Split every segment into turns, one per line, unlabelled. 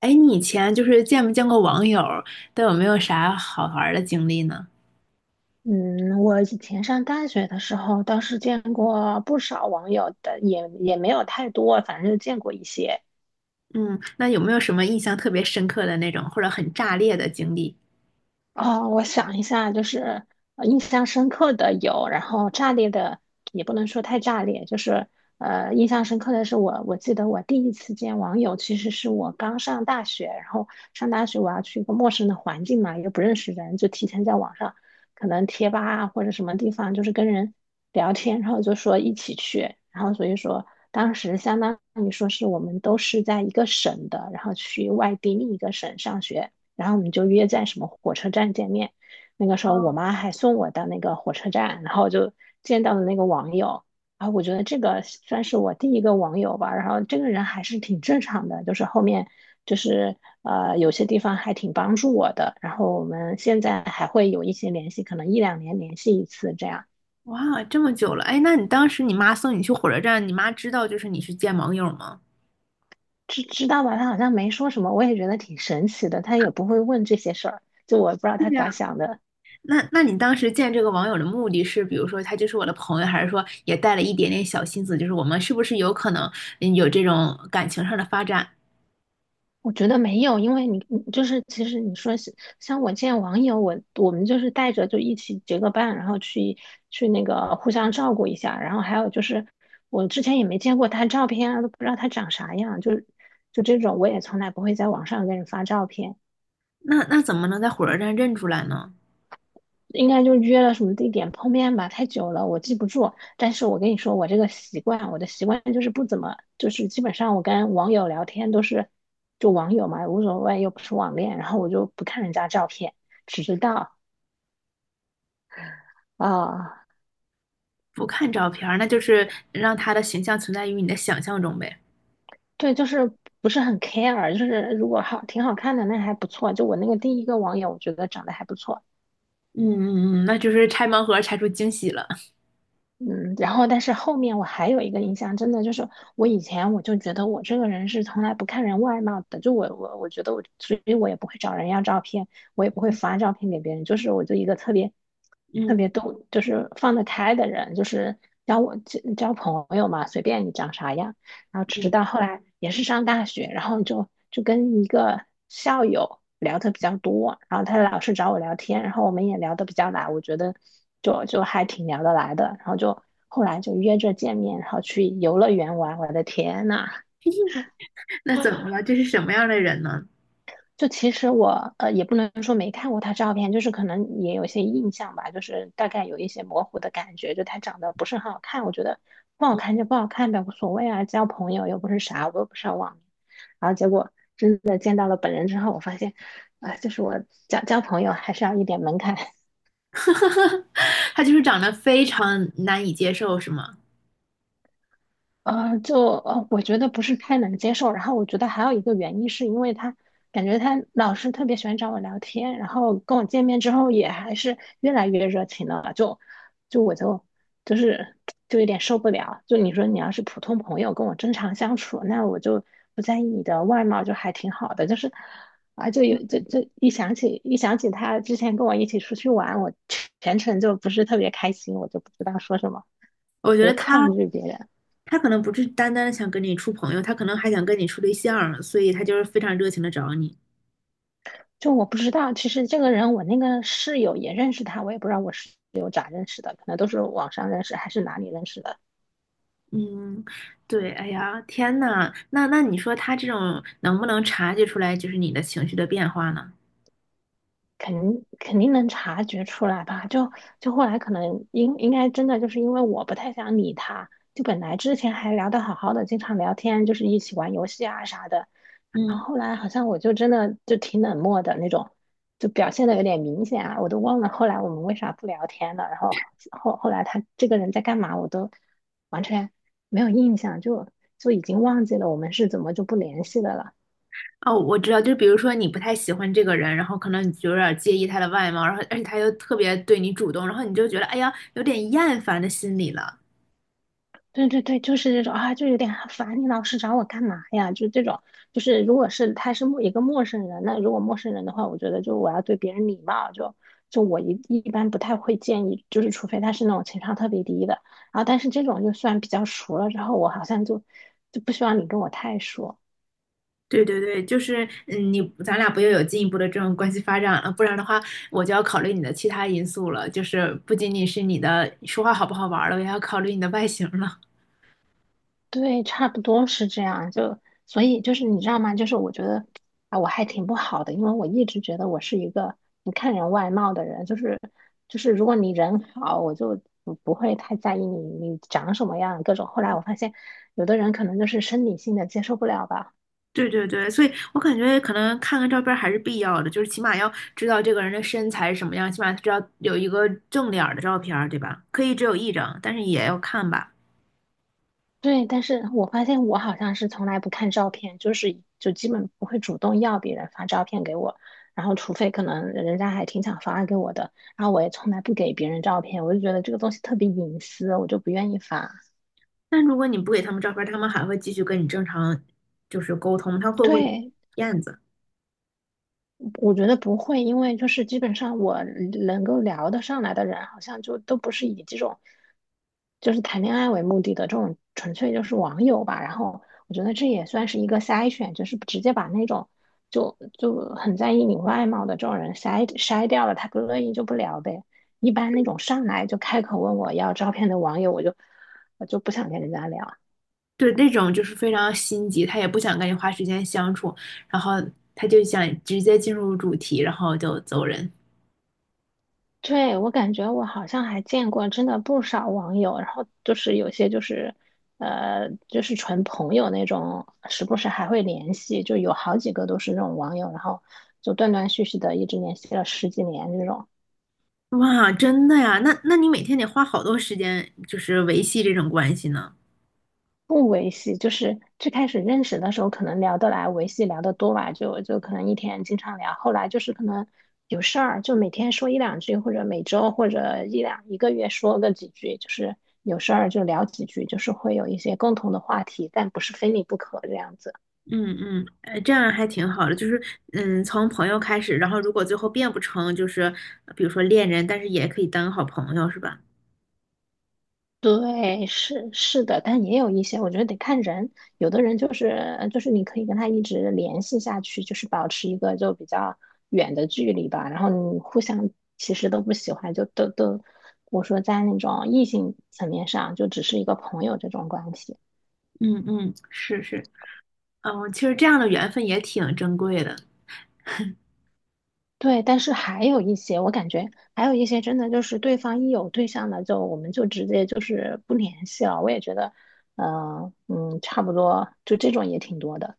哎，你以前就是见没见过网友，都有没有啥好玩儿的经历呢？
嗯，我以前上大学的时候倒是见过不少网友的，也没有太多，反正就见过一些。
嗯，那有没有什么印象特别深刻的那种，或者很炸裂的经历？
哦，我想一下，就是印象深刻的有，然后炸裂的也不能说太炸裂，就是印象深刻的是我记得我第一次见网友，其实是我刚上大学，然后上大学我要去一个陌生的环境嘛，又不认识人，就提前在网上可能贴吧啊或者什么地方，就是跟人聊天，然后就说一起去，然后所以说当时相当于说是我们都是在一个省的，然后去外地另一个省上学。然后我们就约在什么火车站见面。那个时候我妈还送我到那个火车站，然后就见到了那个网友。然后我觉得这个算是我第一个网友吧。然后这个人还是挺正常的，就是后面就是有些地方还挺帮助我的。然后我们现在还会有一些联系，可能一两年联系一次这样。
哇，这么久了，哎，那你当时你妈送你去火车站，你妈知道就是你去见网友吗？
知道吧？他好像没说什么，我也觉得挺神奇的。他也不会问这些事儿，就我不知道
对
他
呀。
咋想的。
那那你当时见这个网友的目的是，比如说他就是我的朋友，还是说也带了一点点小心思，就是我们是不是有可能嗯有这种感情上的发展？
我觉得没有，因为你就是其实你说是像我见网友，我们就是带着就一起结个伴，然后去那个互相照顾一下，然后还有就是我之前也没见过他照片啊，都不知道他长啥样，就这种我也从来不会在网上给人发照片。
那那怎么能在火车站认出来呢？
应该就约了什么地点碰面吧，太久了，我记不住。但是我跟你说，我这个习惯，我的习惯就是不怎么，就是基本上我跟网友聊天都是就网友嘛，无所谓，又不是网恋，然后我就不看人家照片，只知道啊，
不看照片儿，那就是让他的形象存在于你的想象中呗。
对，就是不是很 care，就是如果好挺好看的那还不错，就我那个第一个网友，我觉得长得还不错。
嗯嗯嗯，那就是拆盲盒拆出惊喜了。
嗯，然后但是后面我还有一个印象，真的就是我以前我就觉得我这个人是从来不看人外貌的，就我觉得我，所以我也不会找人要照片，我也不会发照片给别人，就是我就一个特别特
嗯
别都就是放得开的人，就是交我朋友嘛，随便你长啥样。然后直
嗯，
到后来也是上大学，然后就跟一个校友聊的比较多，然后他老是找我聊天，然后我们也聊得比较来，我觉得就还挺聊得来的，然后就后来就约着见面，然后去游乐园玩。我的天呐，
那怎么了？这是什么样的人呢？
就其实我也不能说没看过他照片，就是可能也有些印象吧，就是大概有一些模糊的感觉，就他长得不是很好看，我觉得不好看就不好看呗，无所谓啊，交朋友又不是啥，我又不是要网恋。然后结果的见到了本人之后，我发现，啊、就是我交朋友还是要一点门槛。
他就是长得非常难以接受，是吗？
我觉得不是太能接受。然后我觉得还有一个原因是因为他感觉他老是特别喜欢找我聊天，然后跟我见面之后也还是越来越热情了。就就我就就是就有点受不了。就你说你要是普通朋友跟我正常相处，那我就不在意你的外貌，就还挺好的。就是啊，就有就就一想起他之前跟我一起出去玩，我全程就不是特别开心，我就不知道说什么，
我觉
我
得
就
他
抗拒别人。
可能不是单单想跟你处朋友，他可能还想跟你处对象，所以他就是非常热情的找你。
就我不知道，其实这个人我那个室友也认识他，我也不知道我室友咋认识的，可能都是网上认识还是哪里认识的，
嗯，对，哎呀，天呐，那那你说他这种能不能察觉出来就是你的情绪的变化呢？
肯定能察觉出来吧。就就后来可能应该真的就是因为我不太想理他，就本来之前还聊得好好的，经常聊天，就是一起玩游戏啊啥的，然
嗯。
后后来好像我就真的就挺冷漠的那种，就表现的有点明显啊，我都忘了后来我们为啥不聊天了，然后后来他这个人在干嘛，我都完全没有印象，就就已经忘记了我们是怎么就不联系的了。
哦，我知道，就比如说你不太喜欢这个人，然后可能你就有点介意他的外貌，然后而且他又特别对你主动，然后你就觉得哎呀，有点厌烦的心理了。
对对对，就是这种啊，就有点烦，你老是找我干嘛呀？就这种，就是如果是他是一个陌生人，那如果陌生人的话，我觉得就我要对别人礼貌，就就我一般不太会建议，就是除非他是那种情商特别低的，然后但是这种就算比较熟了之后，我好像就就不希望你跟我太熟。
对对对，就是嗯，你咱俩不又有进一步的这种关系发展了，不然的话，我就要考虑你的其他因素了，就是不仅仅是你的说话好不好玩儿了，我也要考虑你的外形了。
对，差不多是这样。就所以就是你知道吗？就是我觉得啊，我还挺不好的，因为我一直觉得我是一个不看人外貌的人。就是就是，如果你人好，我就不会太在意你你长什么样各种。后来我发现，有的人可能就是生理性的接受不了吧。
对对对，所以我感觉可能看看照片儿还是必要的，就是起码要知道这个人的身材是什么样，起码知道有一个正脸儿的照片儿，对吧？可以只有一张，但是也要看吧。
对，但是我发现我好像是从来不看照片，就是就基本不会主动要别人发照片给我，然后除非可能人家还挺想发给我的，然后我也从来不给别人照片，我就觉得这个东西特别隐私，我就不愿意发。
但如果你不给他们照片儿，他们还会继续跟你正常就是沟通，他会不会
对，
燕子？
我觉得不会，因为就是基本上我能够聊得上来的人，好像就都不是以这种。就是谈恋爱为目的的这种，纯粹就是网友吧。然后我觉得这也算是一个筛选，就是直接把那种就就很在意你外貌的这种人筛掉了，他不乐意就不聊呗。一般那种上来就开口问我要照片的网友，我就不想跟人家聊。
对，那种就是非常心急，他也不想跟你花时间相处，然后他就想直接进入主题，然后就走人。
对，我感觉我好像还见过真的不少网友，然后就是有些就是，就是纯朋友那种，时不时还会联系，就有好几个都是那种网友，然后就断断续续的一直联系了十几年这种。
哇，真的呀？那那你每天得花好多时间，就是维系这种关系呢。
不维系，就是最开始认识的时候可能聊得来，维系聊得多吧，就就可能一天经常聊。后来就是可能有事儿，就每天说一两句，或者每周或者一个月说个几句，就是有事儿就聊几句，就是会有一些共同的话题，但不是非你不可这样子。
嗯嗯，这样还挺好的，就是嗯，从朋友开始，然后如果最后变不成，就是比如说恋人，但是也可以当好朋友，是吧？
对，是是的，但也有一些，我觉得得看人。有的人就是就是你可以跟他一直联系下去，就是保持一个就比较远的距离吧。然后你互相其实都不喜欢，就都都，我说在那种异性层面上，就只是一个朋友这种关系。
嗯嗯，是是，嗯，其实这样的缘分也挺珍贵的。
对，但是还有一些，我感觉还有一些真的就是对方一有对象了，就我们就直接就是不联系了。我也觉得，嗯、嗯，差不多，就这种也挺多的。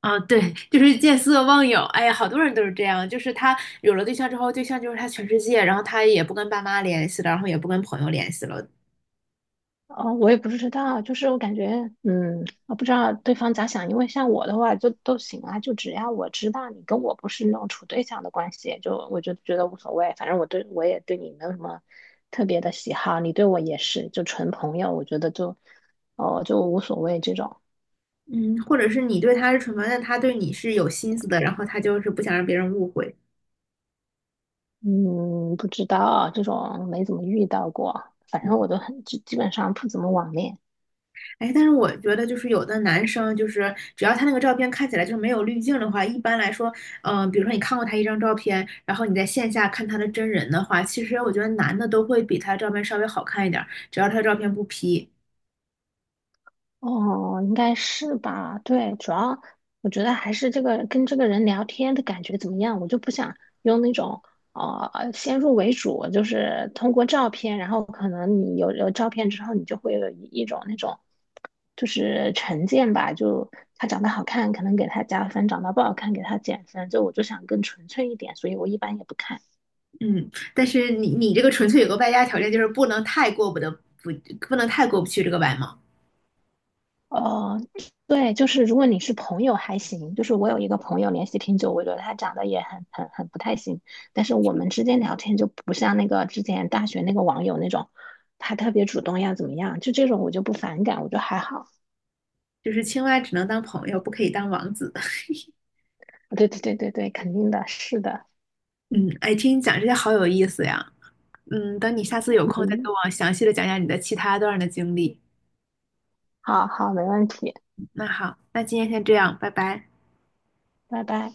啊，对，就是见色忘友，哎呀，好多人都是这样，就是他有了对象之后，对象就是他全世界，然后他也不跟爸妈联系了，然后也不跟朋友联系了，
哦，我也不知道，就是我感觉，嗯，我不知道对方咋想，因为像我的话就都行啊，就只要我知道你跟我不是那种处对象的关系，就我就觉得无所谓，反正我对我也对你没有什么特别的喜好，你对我也是，就纯朋友，我觉得就，哦，就无所谓这种，
嗯，或者是你对他是纯朋友，但他对你是有心思的，然后他就是不想让别人误会。
嗯，不知道这种没怎么遇到过，反正我都很，基本上不怎么网恋。
哎，但是我觉得就是有的男生，就是只要他那个照片看起来就是没有滤镜的话，一般来说，嗯、比如说你看过他一张照片，然后你在线下看他的真人的话，其实我觉得男的都会比他照片稍微好看一点儿，只要他的照片不 P。
哦，应该是吧？对，主要我觉得还是这个跟这个人聊天的感觉怎么样，我就不想用那种先入为主，就是通过照片，然后可能你有照片之后，你就会有一种那种就是成见吧，就他长得好看，可能给他加分；长得不好看，给他减分。就我就想更纯粹一点，所以我一般也不看。
嗯，但是你你这个纯粹有个外加条件，就是不能太过不得不不能太过不去这个外貌，
哦，对，就是如果你是朋友还行，就是我有一个朋友联系挺久，我觉得他长得也很不太行，但是我们之间聊天就不像那个之前大学那个网友那种，他特别主动要怎么样，就这种我就不反感，我就还好。
就是青蛙只能当朋友，不可以当王子。
对对对对对，肯定的，是的，
嗯，哎，听你讲这些好有意思呀。嗯，等你下次有空再跟
嗯，
我详细的讲讲你的其他段儿的经历。
好好，没问题，
那好，那今天先这样，拜拜。
拜拜。